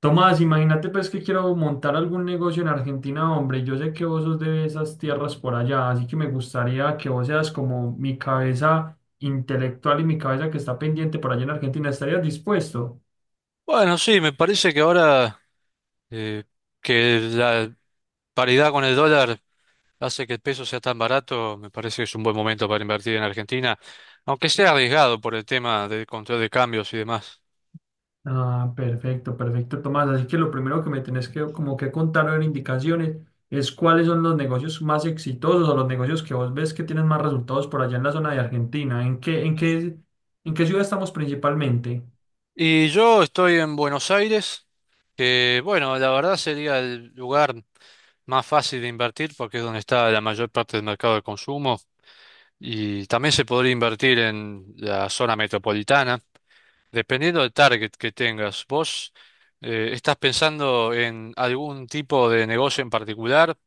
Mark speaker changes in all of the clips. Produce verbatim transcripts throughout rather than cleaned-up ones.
Speaker 1: Tomás, imagínate pues que quiero montar algún negocio en Argentina, hombre. Yo sé que vos sos de esas tierras por allá, así que me gustaría que vos seas como mi cabeza intelectual y mi cabeza que está pendiente por allá en Argentina. ¿Estarías dispuesto?
Speaker 2: Bueno, sí, me parece que ahora eh, que la paridad con el dólar hace que el peso sea tan barato. Me parece que es un buen momento para invertir en Argentina, aunque sea arriesgado por el tema del control de cambios y demás.
Speaker 1: Ah, perfecto, perfecto, Tomás. Así que lo primero que me tenés que como que contar o dar indicaciones es cuáles son los negocios más exitosos o los negocios que vos ves que tienen más resultados por allá en la zona de Argentina. ¿En qué, en qué, en qué ciudad estamos principalmente?
Speaker 2: Y yo estoy en Buenos Aires, que bueno, la verdad sería el lugar más fácil de invertir porque es donde está la mayor parte del mercado de consumo, y también se podría invertir en la zona metropolitana. Dependiendo del target que tengas, ¿vos eh, estás pensando en algún tipo de negocio en particular?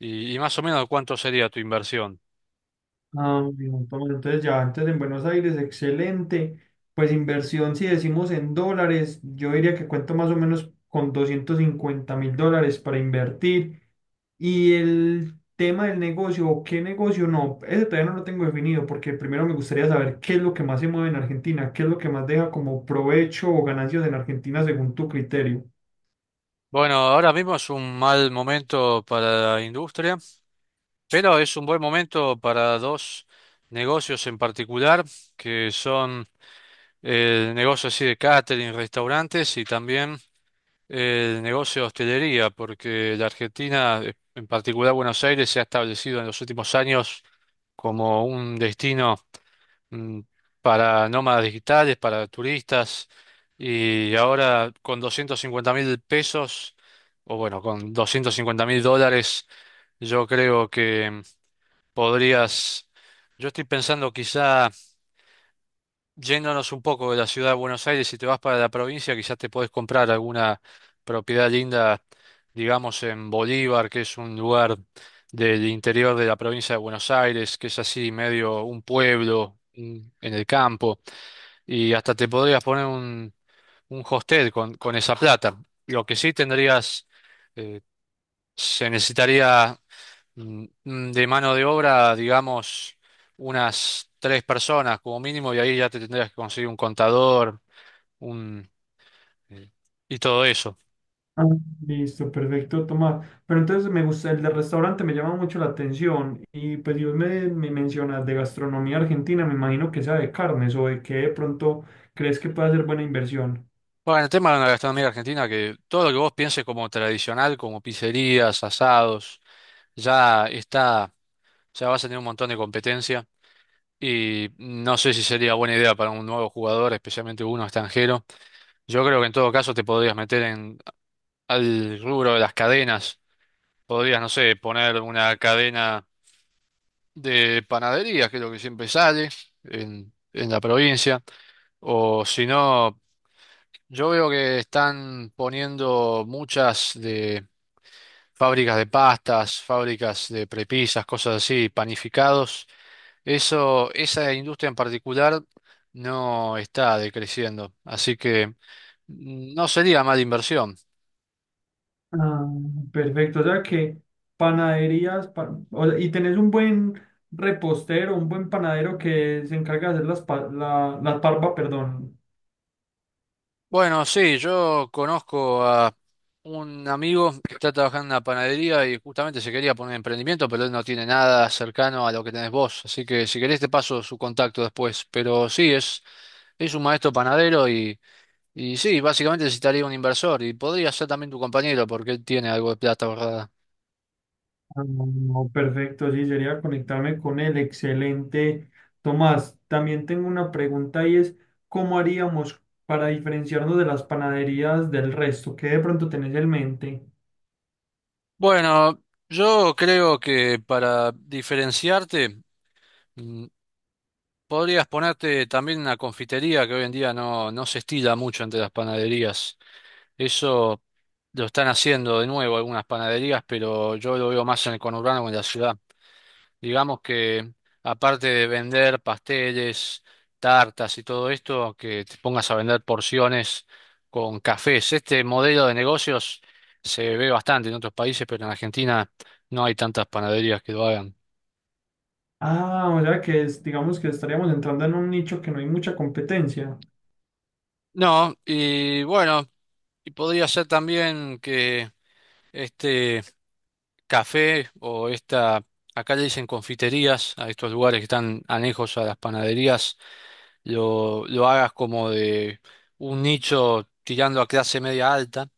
Speaker 2: Y, y más o menos cuánto sería tu inversión.
Speaker 1: Ah, un montón. Entonces ya, entonces en Buenos Aires, excelente. Pues inversión, si decimos en dólares, yo diría que cuento más o menos con doscientos cincuenta mil dólares para invertir. Y el tema del negocio, o qué negocio, no, ese todavía no lo tengo definido, porque primero me gustaría saber qué es lo que más se mueve en Argentina, qué es lo que más deja como provecho o ganancias en Argentina según tu criterio.
Speaker 2: Bueno, ahora mismo es un mal momento para la industria, pero es un buen momento para dos negocios en particular, que son el negocio así de catering, restaurantes, y también el negocio de hostelería, porque la Argentina, en particular Buenos Aires, se ha establecido en los últimos años como un destino mm, para nómadas digitales, para turistas, y ahora con doscientos cincuenta mil pesos, o bueno, con doscientos cincuenta mil dólares, yo creo que podrías. Yo estoy pensando quizá yéndonos un poco de la ciudad de Buenos Aires, si te vas para la provincia, quizás te podés comprar alguna propiedad linda, digamos, en Bolívar, que es un lugar del interior de la provincia de Buenos Aires, que es así medio un pueblo un- en el campo, y hasta te podrías poner un, un hostel con, con esa plata. Lo que sí tendrías, eh, se necesitaría, mm, mm, de mano de obra, digamos, unas tres personas como mínimo, y ahí ya te tendrías que conseguir un contador, un eh, y todo eso.
Speaker 1: Ah, listo, perfecto, Tomás. Pero entonces me gusta, el de restaurante me llama mucho la atención y pues Dios me, me mencionas de gastronomía argentina, me imagino que sea de carnes o de qué de pronto crees que puede ser buena inversión.
Speaker 2: Bueno, el tema de la gastronomía argentina, que todo lo que vos pienses como tradicional, como pizzerías, asados, ya está, ya vas a tener un montón de competencia. Y no sé si sería buena idea para un nuevo jugador, especialmente uno extranjero. Yo creo que en todo caso te podrías meter en al rubro de las cadenas. Podrías, no sé, poner una cadena de panadería, que es lo que siempre sale en, en la provincia. O si no, yo veo que están poniendo muchas de fábricas de pastas, fábricas de prepisas, cosas así, panificados. Eso, esa industria en particular no está decreciendo, así que mm, no sería mala inversión.
Speaker 1: Ah, perfecto, o sea que panaderías, pa- o sea, y tenés un buen repostero, un buen panadero que se encarga de hacer las, pa- la, la parva, perdón.
Speaker 2: Bueno, sí, yo conozco a un amigo que está trabajando en una panadería y justamente se quería poner emprendimiento, pero él no tiene nada cercano a lo que tenés vos. Así que si querés te paso su contacto después. Pero sí, es, es un maestro panadero y, y sí, básicamente necesitaría un inversor y podría ser también tu compañero porque él tiene algo de plata ahorrada.
Speaker 1: Ah, no, perfecto, sí, sería conectarme con él. Excelente. Tomás, también tengo una pregunta y es, ¿cómo haríamos para diferenciarnos de las panaderías del resto? ¿Qué de pronto tenés en mente?
Speaker 2: Bueno, yo creo que para diferenciarte, mm, podrías ponerte también una confitería que hoy en día no, no se estila mucho entre las panaderías. Eso lo están haciendo de nuevo algunas panaderías, pero yo lo veo más en el conurbano o en la ciudad. Digamos que aparte de vender pasteles, tartas y todo esto, que te pongas a vender porciones con cafés. Este modelo de negocios se ve bastante en otros países, pero en Argentina no hay tantas panaderías que lo hagan.
Speaker 1: Ah, o sea que es, digamos que estaríamos entrando en un nicho que no hay mucha competencia.
Speaker 2: No, y bueno, y podría ser también que este café o esta, acá le dicen confiterías, a estos lugares que están anejos a las panaderías, lo, lo hagas como de un nicho tirando a clase media alta.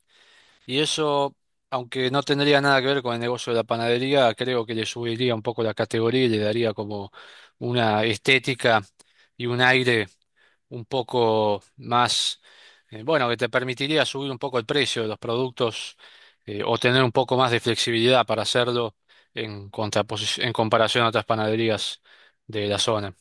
Speaker 2: Y eso, aunque no tendría nada que ver con el negocio de la panadería, creo que le subiría un poco la categoría y le daría como una estética y un aire un poco más, eh, bueno, que te permitiría subir un poco el precio de los productos, eh, o tener un poco más de flexibilidad para hacerlo en contraposi- en comparación a otras panaderías de la zona.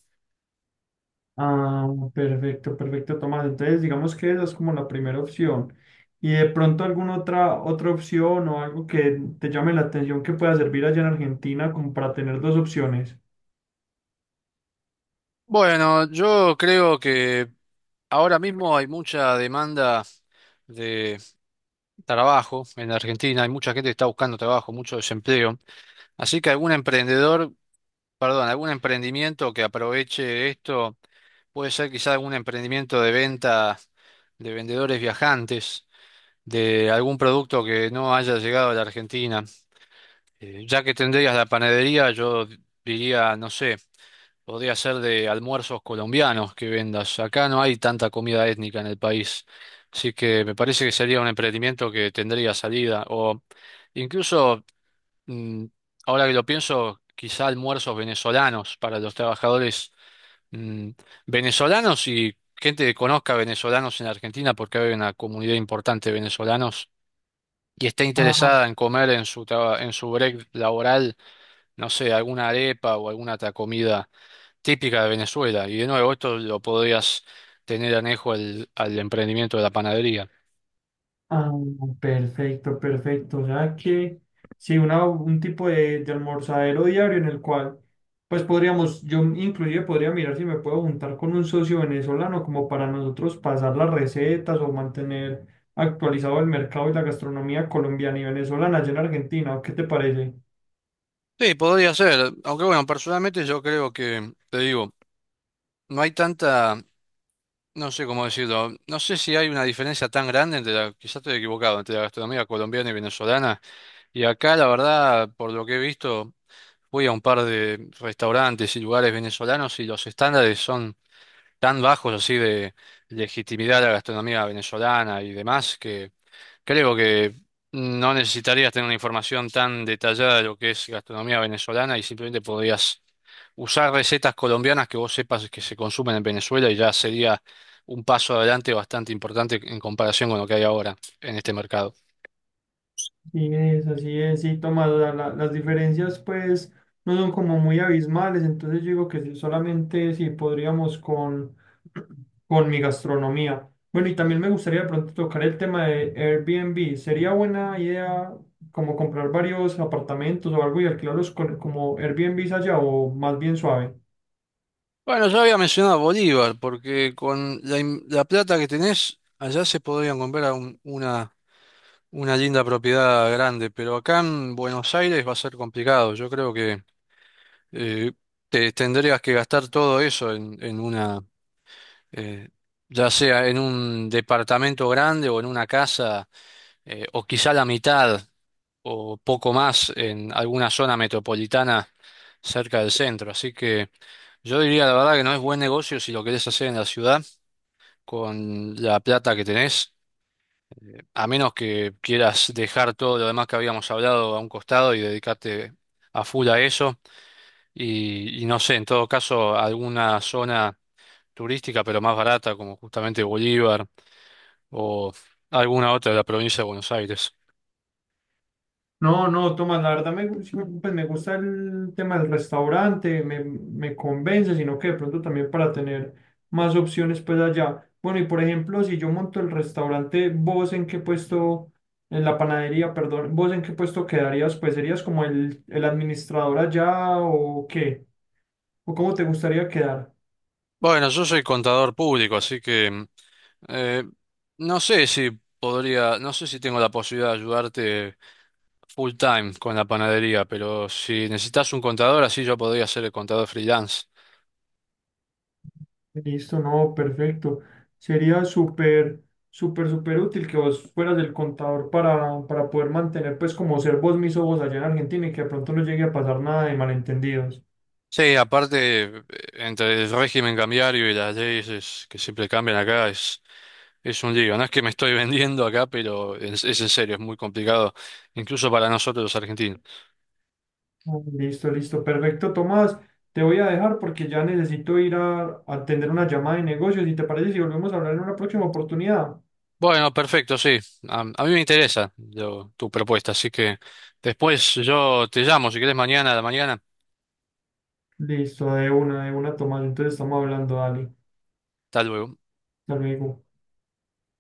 Speaker 1: Ah, perfecto, perfecto, Tomás. Entonces, digamos que esa es como la primera opción. ¿Y de pronto alguna otra, otra opción o algo que te llame la atención que pueda servir allá en Argentina como para tener dos opciones?
Speaker 2: Bueno, yo creo que ahora mismo hay mucha demanda de trabajo en la Argentina, hay mucha gente que está buscando trabajo, mucho desempleo, así que algún emprendedor, perdón, algún emprendimiento que aproveche esto puede ser quizá algún emprendimiento de venta de vendedores viajantes, de algún producto que no haya llegado a la Argentina. Eh, ya que tendrías la panadería, yo diría, no sé, podría ser de almuerzos colombianos que vendas. Acá no hay tanta comida étnica en el país, así que me parece que sería un emprendimiento que tendría salida. O incluso, mm, ahora que lo pienso, quizá almuerzos venezolanos para los trabajadores, mm, venezolanos y gente que conozca venezolanos en Argentina, porque hay una comunidad importante de venezolanos y está
Speaker 1: Ah,
Speaker 2: interesada en comer en su traba- en su break laboral, no sé, alguna arepa o alguna otra comida típica de Venezuela. Y de nuevo, esto lo podrías tener anejo al, al emprendimiento de la panadería.
Speaker 1: Ah, perfecto, perfecto. O sea que sí, una, un tipo de, de almorzadero diario en el cual, pues podríamos, yo inclusive podría mirar si me puedo juntar con un socio venezolano como para nosotros pasar las recetas o mantener actualizado el mercado y la gastronomía colombiana y venezolana allá en Argentina. ¿O ¿Qué te parece?
Speaker 2: Sí, podría ser, aunque bueno, personalmente yo creo que, te digo, no hay tanta, no sé cómo decirlo, no sé si hay una diferencia tan grande entre la, quizás estoy equivocado, entre la gastronomía colombiana y venezolana. Y acá, la verdad, por lo que he visto, voy a un par de restaurantes y lugares venezolanos y los estándares son tan bajos así de legitimidad a la gastronomía venezolana y demás, que creo que no necesitarías tener una información tan detallada de lo que es gastronomía venezolana, y simplemente podrías usar recetas colombianas que vos sepas que se consumen en Venezuela, y ya sería un paso adelante bastante importante en comparación con lo que hay ahora en este mercado.
Speaker 1: Sí, es, así es, sí, Tomás, o sea, la- las diferencias pues no son como muy abismales, entonces yo digo que sí, solamente si podríamos con, con mi gastronomía. Bueno, y también me gustaría de pronto tocar el tema de air b n b. Sería buena idea como comprar varios apartamentos o algo y alquilarlos con- como air b n b allá o más bien suave.
Speaker 2: Bueno, yo había mencionado Bolívar, porque con la, in- la plata que tenés, allá se podrían comprar un- una, una linda propiedad grande, pero acá en Buenos Aires va a ser complicado. Yo creo que eh, te tendrías que gastar todo eso en, en una, eh, ya sea en un departamento grande o en una casa, eh, o quizá la mitad o poco más en alguna zona metropolitana cerca del centro. Así que yo diría la verdad que no es buen negocio si lo querés hacer en la ciudad, con la plata que tenés, a menos que quieras dejar todo lo demás que habíamos hablado a un costado y dedicarte a full a eso. Y, y no sé, en todo caso, alguna zona turística pero más barata, como justamente Bolívar o alguna otra de la provincia de Buenos Aires.
Speaker 1: No, no, Tomás, la verdad me, gu- sí me- pues me gusta el tema del restaurante, me, me convence, sino que de pronto también para tener más opciones pues allá. Bueno, y por ejemplo, si yo monto el restaurante, ¿vos en qué puesto, en la panadería, perdón, vos en qué puesto quedarías? Pues serías como el, el administrador allá o qué, o cómo te gustaría quedar.
Speaker 2: Bueno, yo soy contador público, así que eh, no sé si podría, no sé si tengo la posibilidad de ayudarte full time con la panadería, pero si necesitas un contador, así yo podría ser el contador freelance.
Speaker 1: Listo, no, perfecto. Sería súper, súper, súper útil que vos fueras el contador para, para poder mantener, pues, como ser vos mismo vos allá en Argentina y que de pronto no llegue a pasar nada de malentendidos.
Speaker 2: Sí, aparte, eh, entre el régimen cambiario y las leyes que siempre cambian acá, es, es un lío. No es que me estoy vendiendo acá, pero es, es en serio, es muy complicado, incluso para nosotros los argentinos.
Speaker 1: Ah, listo, listo, perfecto, Tomás. Te voy a dejar porque ya necesito ir a, a atender una llamada de negocios. ¿Y te parece si volvemos a hablar en una próxima oportunidad?
Speaker 2: Bueno, perfecto, sí. A, a mí me interesa lo- tu propuesta, así que después yo te llamo, si querés, mañana a la mañana.
Speaker 1: Listo, de una, de una, Tomás. Entonces estamos hablando, dale.
Speaker 2: Hasta luego.
Speaker 1: Hasta luego.